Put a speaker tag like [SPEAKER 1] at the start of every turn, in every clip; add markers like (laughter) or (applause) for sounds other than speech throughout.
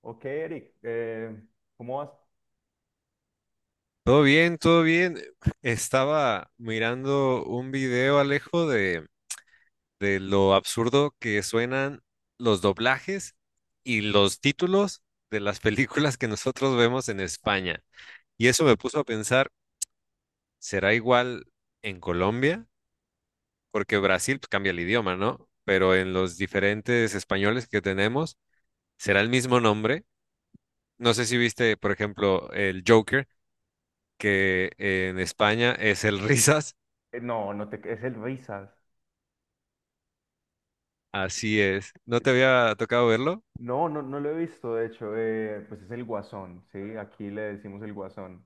[SPEAKER 1] Ok, Eric, ¿cómo vas?
[SPEAKER 2] Todo bien, todo bien. Estaba mirando un video, Alejo, de lo absurdo que suenan los doblajes y los títulos de las (laughs) películas que nosotros vemos en España. Y eso me puso a pensar, ¿será igual en Colombia? Porque Brasil pues, cambia el idioma, ¿no? Pero en los diferentes españoles que tenemos, ¿será el mismo nombre? No sé si viste, por ejemplo, el Joker, que en España es el (laughs) Risas.
[SPEAKER 1] No, no te, es el Risas.
[SPEAKER 2] Así es. ¿No te había tocado verlo?
[SPEAKER 1] No, lo he visto, de hecho, pues es el Guasón, ¿sí? Aquí le decimos el Guasón.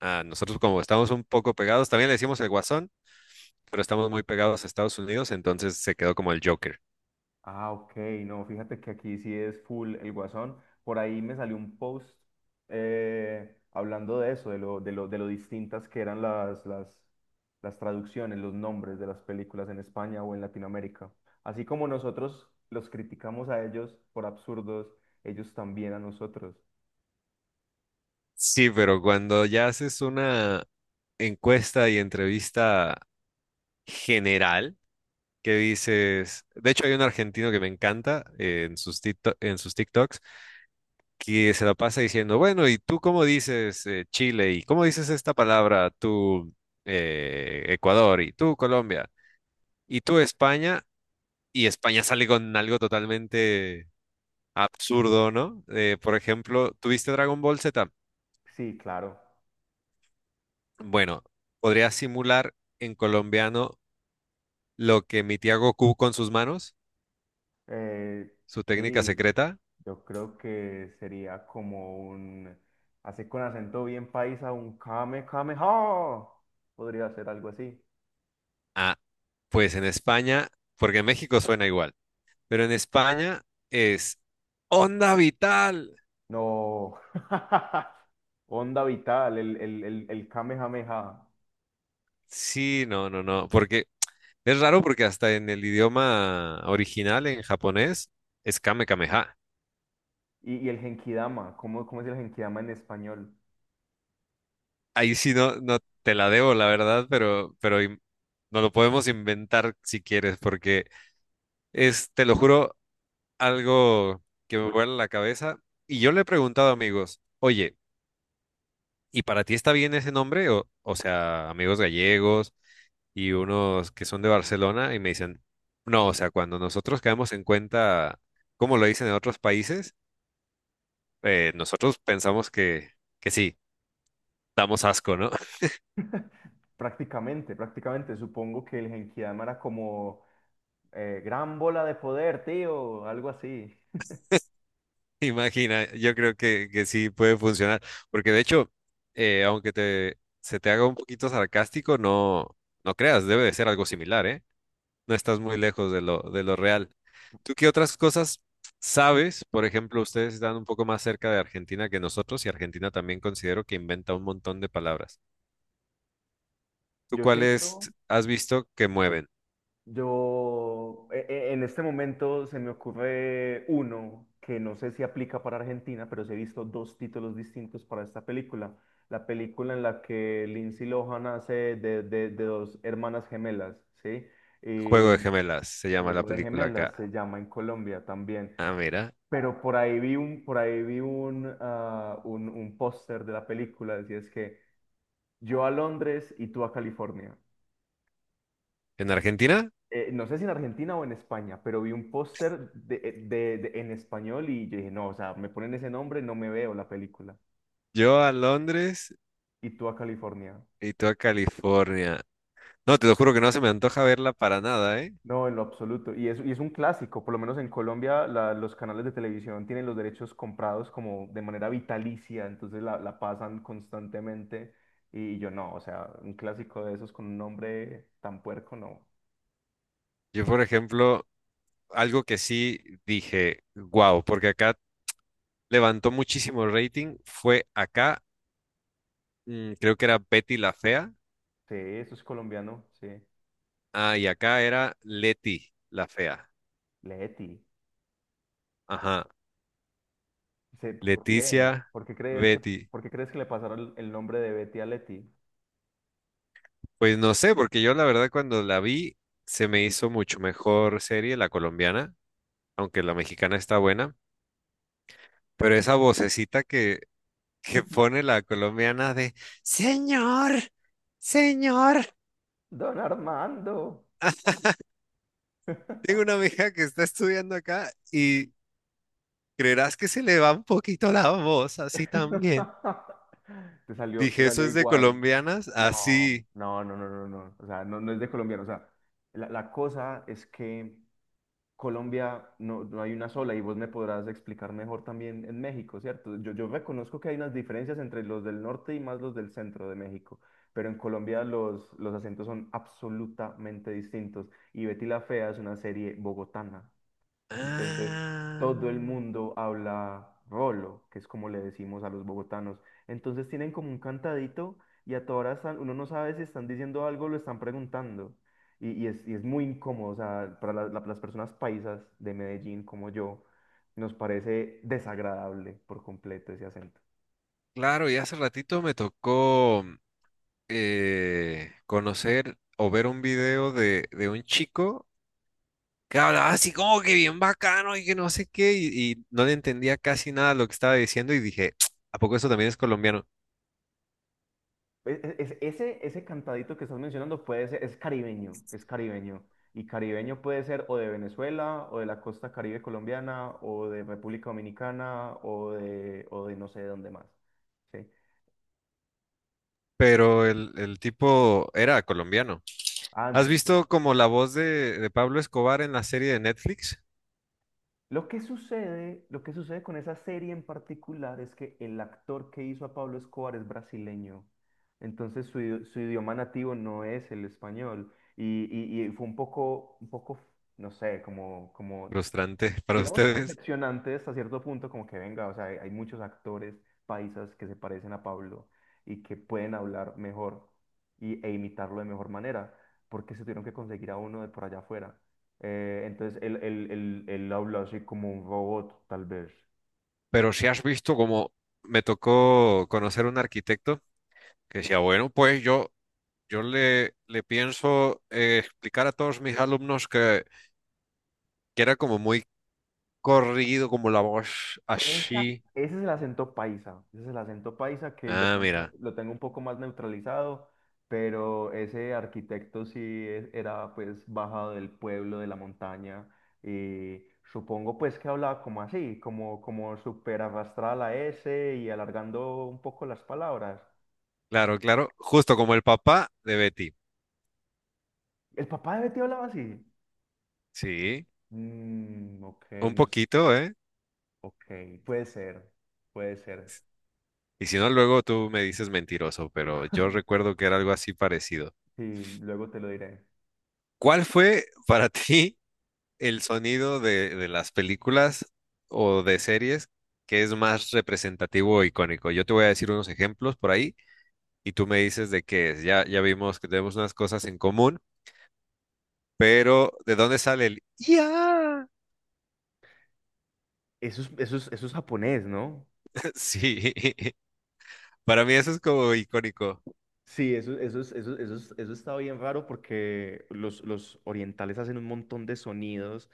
[SPEAKER 2] Ah, nosotros como estamos un poco pegados, también le decimos el Guasón, pero estamos muy pegados a Estados Unidos, entonces se quedó como el Joker.
[SPEAKER 1] Ah, ok, no, fíjate que aquí sí es full el Guasón. Por ahí me salió un post hablando de eso, de lo distintas que eran las traducciones, los nombres de las películas en España o en Latinoamérica. Así como nosotros los criticamos a ellos por absurdos, ellos también a nosotros.
[SPEAKER 2] Sí, pero cuando ya haces una encuesta y entrevista general, que dices, de hecho hay un argentino que me encanta en en sus TikToks, que se la pasa diciendo, bueno, ¿y tú cómo dices Chile? ¿Y cómo dices esta palabra tú Ecuador? ¿Y tú Colombia? ¿Y tú España? Y España sale con algo totalmente absurdo, ¿no? Por ejemplo, ¿tuviste Dragon Ball Z?
[SPEAKER 1] Sí, claro.
[SPEAKER 2] Bueno, podría simular en colombiano lo que emitía Goku con sus manos,
[SPEAKER 1] Eh,
[SPEAKER 2] su técnica
[SPEAKER 1] sí,
[SPEAKER 2] secreta.
[SPEAKER 1] yo creo que sería como un, así con acento bien paisa, un kame kame ha. Podría ser algo así.
[SPEAKER 2] Ah, pues en España, porque en México suena igual, pero en España es onda vital.
[SPEAKER 1] No. (laughs) Onda vital, el kamehameha.
[SPEAKER 2] Sí, no, no, no, porque es raro porque hasta en el idioma original, en japonés, es Kame Kameha.
[SPEAKER 1] Y el genkidama, ¿cómo es el genkidama en español?
[SPEAKER 2] Ahí sí no, no te la debo, la verdad, pero, pero nos lo podemos inventar si quieres, porque es, te lo juro, algo que me vuela la cabeza. Y yo le he preguntado a amigos, oye, ¿y para ti está bien ese nombre? O sea, amigos gallegos y unos que son de Barcelona, y me dicen, no, o sea, cuando nosotros caemos en cuenta, como lo dicen en otros países, nosotros pensamos que sí, damos asco, ¿no?
[SPEAKER 1] (laughs) Prácticamente, prácticamente. Supongo que el genkidama era como gran bola de poder, tío, algo así.
[SPEAKER 2] Imagina, yo creo que sí puede funcionar, porque de hecho, aunque se te haga un poquito sarcástico, no, no creas, debe de ser algo similar, ¿eh? No estás muy lejos de lo real. ¿Tú qué otras cosas sabes? Por ejemplo, ustedes están un poco más cerca de Argentina que nosotros y Argentina también considero que inventa un montón de palabras. ¿Tú
[SPEAKER 1] Yo siento.
[SPEAKER 2] cuáles has visto que mueven?
[SPEAKER 1] Yo, en este momento se me ocurre uno que no sé si aplica para Argentina, pero sí he visto dos títulos distintos para esta película. La película en la que Lindsay Lohan hace de dos hermanas gemelas, ¿sí?
[SPEAKER 2] Juego de
[SPEAKER 1] Y
[SPEAKER 2] gemelas, se llama la
[SPEAKER 1] Juego de
[SPEAKER 2] película
[SPEAKER 1] Gemelas se
[SPEAKER 2] acá.
[SPEAKER 1] llama en Colombia también.
[SPEAKER 2] Ah, mira,
[SPEAKER 1] Pero por ahí vi un, ah, un póster de la película, decía es que yo a Londres y tú a California.
[SPEAKER 2] en Argentina,
[SPEAKER 1] No sé si en Argentina o en España, pero vi un póster de, en español y yo dije, no, o sea, me ponen ese nombre, no me veo la película.
[SPEAKER 2] yo a Londres
[SPEAKER 1] Y tú a California.
[SPEAKER 2] y tú a California. No, te lo juro que no se me antoja verla para nada, ¿eh?
[SPEAKER 1] No, en lo absoluto. Y es un clásico, por lo menos en Colombia los canales de televisión tienen los derechos comprados como de manera vitalicia, entonces la pasan constantemente. Y yo no, o sea, un clásico de esos con un nombre tan puerco, no.
[SPEAKER 2] Yo, por ejemplo, algo que sí dije, wow, porque acá levantó muchísimo rating, fue acá, creo que era Betty la Fea,
[SPEAKER 1] Sí, eso es colombiano, sí.
[SPEAKER 2] ah, y acá era Leti la Fea,
[SPEAKER 1] Leti.
[SPEAKER 2] ajá,
[SPEAKER 1] Sí, ¿por qué?
[SPEAKER 2] Leticia, Betty.
[SPEAKER 1] ¿Por qué crees que le pasaron el nombre de Betty a Leti?
[SPEAKER 2] Pues no sé, porque yo la verdad cuando la vi se me hizo mucho mejor serie la colombiana, aunque la mexicana está buena, pero esa vocecita que pone
[SPEAKER 1] (laughs)
[SPEAKER 2] la colombiana de señor, señor.
[SPEAKER 1] Don Armando.
[SPEAKER 2] Tengo una amiga que está estudiando acá y creerás que se le va un poquito la voz así también.
[SPEAKER 1] (laughs) Te salió, te
[SPEAKER 2] Dije, eso
[SPEAKER 1] salió
[SPEAKER 2] es de
[SPEAKER 1] igual.
[SPEAKER 2] colombianas,
[SPEAKER 1] No,
[SPEAKER 2] así.
[SPEAKER 1] no, no, no, no, no. O sea, no, no es de colombiano. O sea, la cosa es que Colombia no, no hay una sola y vos me podrás explicar mejor también en México, ¿cierto? Yo reconozco que hay unas diferencias entre los del norte y más los del centro de México, pero en Colombia los acentos son absolutamente distintos. Y Betty la Fea es una serie bogotana. Entonces,
[SPEAKER 2] Ah,
[SPEAKER 1] todo el mundo habla rolo, que es como le decimos a los bogotanos. Entonces tienen como un cantadito y a todas horas están- uno no sabe si están diciendo algo o lo están preguntando. Y es muy incómodo, o sea, para las personas paisas de Medellín como yo, nos parece desagradable por completo ese acento.
[SPEAKER 2] claro, y hace ratito me tocó conocer o ver un video de un chico que hablaba así como que bien bacano y que no sé qué, y no le entendía casi nada lo que estaba diciendo y dije, (tsk) ¿a poco eso también es colombiano?
[SPEAKER 1] Ese cantadito que estás mencionando puede ser, es caribeño, es caribeño. Y caribeño puede ser o de Venezuela, o de la costa Caribe colombiana, o de República Dominicana, o de no sé de dónde más. ¿Sí?
[SPEAKER 2] Pero el tipo era colombiano.
[SPEAKER 1] Ah,
[SPEAKER 2] ¿Has
[SPEAKER 1] entonces,
[SPEAKER 2] visto como la voz de Pablo Escobar en la serie de Netflix?
[SPEAKER 1] lo que sucede con esa serie en particular es que el actor que hizo a Pablo Escobar es brasileño. Entonces su idioma nativo no es el español. Y fue un poco, no sé, como, como
[SPEAKER 2] Frustrante (laughs) para
[SPEAKER 1] digamos que
[SPEAKER 2] ustedes.
[SPEAKER 1] decepcionante hasta cierto punto, como que venga, o sea, hay muchos actores paisas que se parecen a Pablo y que pueden hablar mejor y, e imitarlo de mejor manera, porque se tuvieron que conseguir a uno de por allá afuera. Entonces él habla así como un robot, tal vez.
[SPEAKER 2] Pero si has visto como me tocó conocer un arquitecto que decía, bueno, pues yo le pienso explicar a todos mis alumnos que era como muy corrido, como la voz así.
[SPEAKER 1] Ese es el acento paisa, ese es el acento paisa que de
[SPEAKER 2] Ah,
[SPEAKER 1] pronto
[SPEAKER 2] mira,
[SPEAKER 1] lo tengo un poco más neutralizado, pero ese arquitecto sí era pues bajado del pueblo, de la montaña, y supongo pues que hablaba como así, como, como súper arrastrada la S y alargando un poco las palabras.
[SPEAKER 2] claro, claro, justo como el papá de Betty.
[SPEAKER 1] ¿El papá de Betty hablaba así?
[SPEAKER 2] Sí,
[SPEAKER 1] Mm, ok,
[SPEAKER 2] un
[SPEAKER 1] no, s-
[SPEAKER 2] poquito, ¿eh?
[SPEAKER 1] ok, puede ser, puede ser,
[SPEAKER 2] Y si no, luego tú me dices mentiroso, pero yo recuerdo que era algo así parecido.
[SPEAKER 1] sí, luego te lo diré.
[SPEAKER 2] ¿Cuál fue para (laughs) ti el sonido de las películas o de series que es más representativo o icónico? Yo te voy a decir unos ejemplos por ahí y tú me dices de qué es. Ya, ya vimos que tenemos unas cosas en común, pero ¿de dónde sale el ya?
[SPEAKER 1] Eso es, eso es, eso es japonés, ¿no?
[SPEAKER 2] (laughs) Sí, (laughs) para mí eso es como icónico.
[SPEAKER 1] Sí, eso está bien raro porque los orientales hacen un montón de sonidos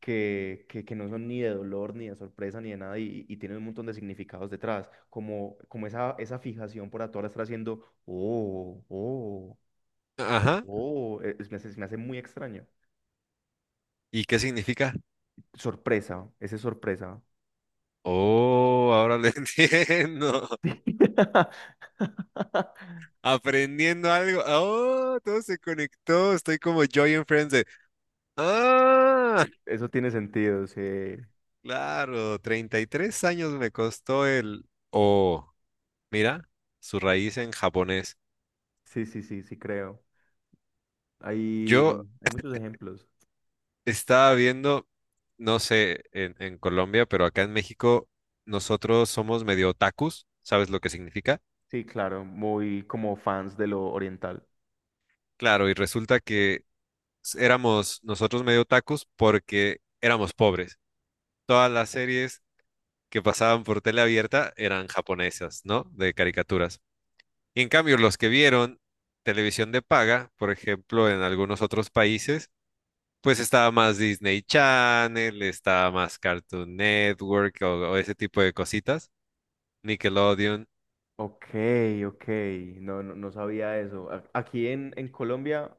[SPEAKER 1] que no son ni de dolor, ni de sorpresa, ni de nada, y tienen un montón de significados detrás, esa fijación por la hora estar haciendo, oh, oh,
[SPEAKER 2] Ajá.
[SPEAKER 1] oh, me hace, se me hace muy extraño.
[SPEAKER 2] ¿Y qué significa?
[SPEAKER 1] Sorpresa, ese es sorpresa.
[SPEAKER 2] Oh, ahora lo (laughs) entiendo.
[SPEAKER 1] (laughs)
[SPEAKER 2] Aprendiendo algo. Oh, todo se conectó. Estoy como Joy and Friends de, ah,
[SPEAKER 1] Eso tiene sentido, sí,
[SPEAKER 2] claro, 33 años me costó el, oh, mira, su raíz en japonés.
[SPEAKER 1] sí creo.
[SPEAKER 2] Yo
[SPEAKER 1] Hay muchos ejemplos.
[SPEAKER 2] estaba viendo, no sé, en Colombia, pero acá en México nosotros somos medio otakus, ¿sabes lo que significa?
[SPEAKER 1] Sí, claro, muy como fans de lo oriental.
[SPEAKER 2] Claro, y resulta que éramos nosotros medio otakus porque éramos pobres. Todas las series que pasaban por tele abierta eran japonesas, ¿no? De caricaturas. Y en cambio, los que vieron televisión de paga, por ejemplo, en algunos otros países, pues estaba más Disney Channel, estaba más Cartoon Network o ese tipo de cositas. Nickelodeon.
[SPEAKER 1] Ok, ok, no sabía eso. A- aquí en Colombia,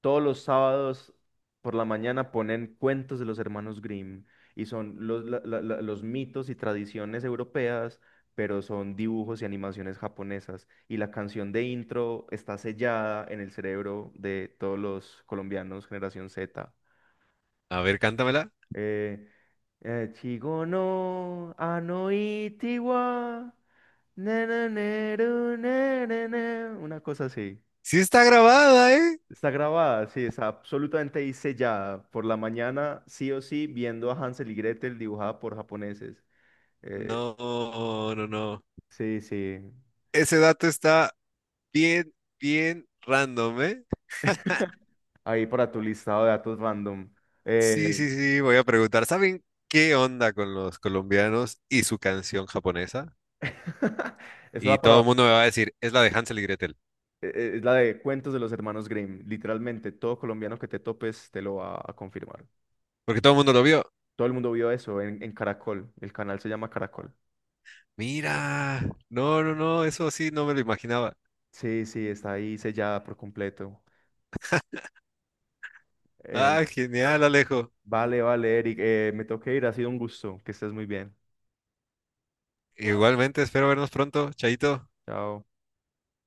[SPEAKER 1] todos los sábados por la mañana ponen cuentos de los hermanos Grimm y son los, los mitos y tradiciones europeas, pero son dibujos y animaciones japonesas. Y la canción de intro está sellada en el cerebro de todos los colombianos, generación Z.
[SPEAKER 2] A ver, cántamela.
[SPEAKER 1] えー、えー、稚語のあのiti wa, ne ne ne ru ne ne ne, una cosa así.
[SPEAKER 2] Sí está grabada, ¿eh?
[SPEAKER 1] Está grabada, sí, está absolutamente ahí sellada. Por la mañana, sí o sí, viendo a Hansel y Gretel dibujada por japoneses. Eh,
[SPEAKER 2] No, no, no.
[SPEAKER 1] sí, sí,
[SPEAKER 2] Ese dato está bien, bien random, ¿eh?
[SPEAKER 1] ahí para tu listado de datos random.
[SPEAKER 2] Sí,
[SPEAKER 1] Eh,
[SPEAKER 2] sí, sí, voy a preguntar, ¿saben qué onda con los colombianos y su canción japonesa?
[SPEAKER 1] (laughs) eso da
[SPEAKER 2] Y todo
[SPEAKER 1] para...
[SPEAKER 2] el mundo me va a decir, es la de Hansel y Gretel,
[SPEAKER 1] es la de cuentos de los hermanos Grimm. Literalmente, todo colombiano que te topes te lo va a confirmar.
[SPEAKER 2] porque todo el mundo lo vio.
[SPEAKER 1] Todo el mundo vio eso en Caracol. El canal se llama Caracol.
[SPEAKER 2] Mira, no, no, no, eso sí, no me lo imaginaba.
[SPEAKER 1] Sí, sí, está ahí sellada por completo. Eh,
[SPEAKER 2] Ah, genial, Alejo.
[SPEAKER 1] vale, vale, Eric. Me tengo que ir. Ha sido un gusto. Que estés muy bien.
[SPEAKER 2] Igualmente, espero vernos pronto, Chaito.
[SPEAKER 1] Chao.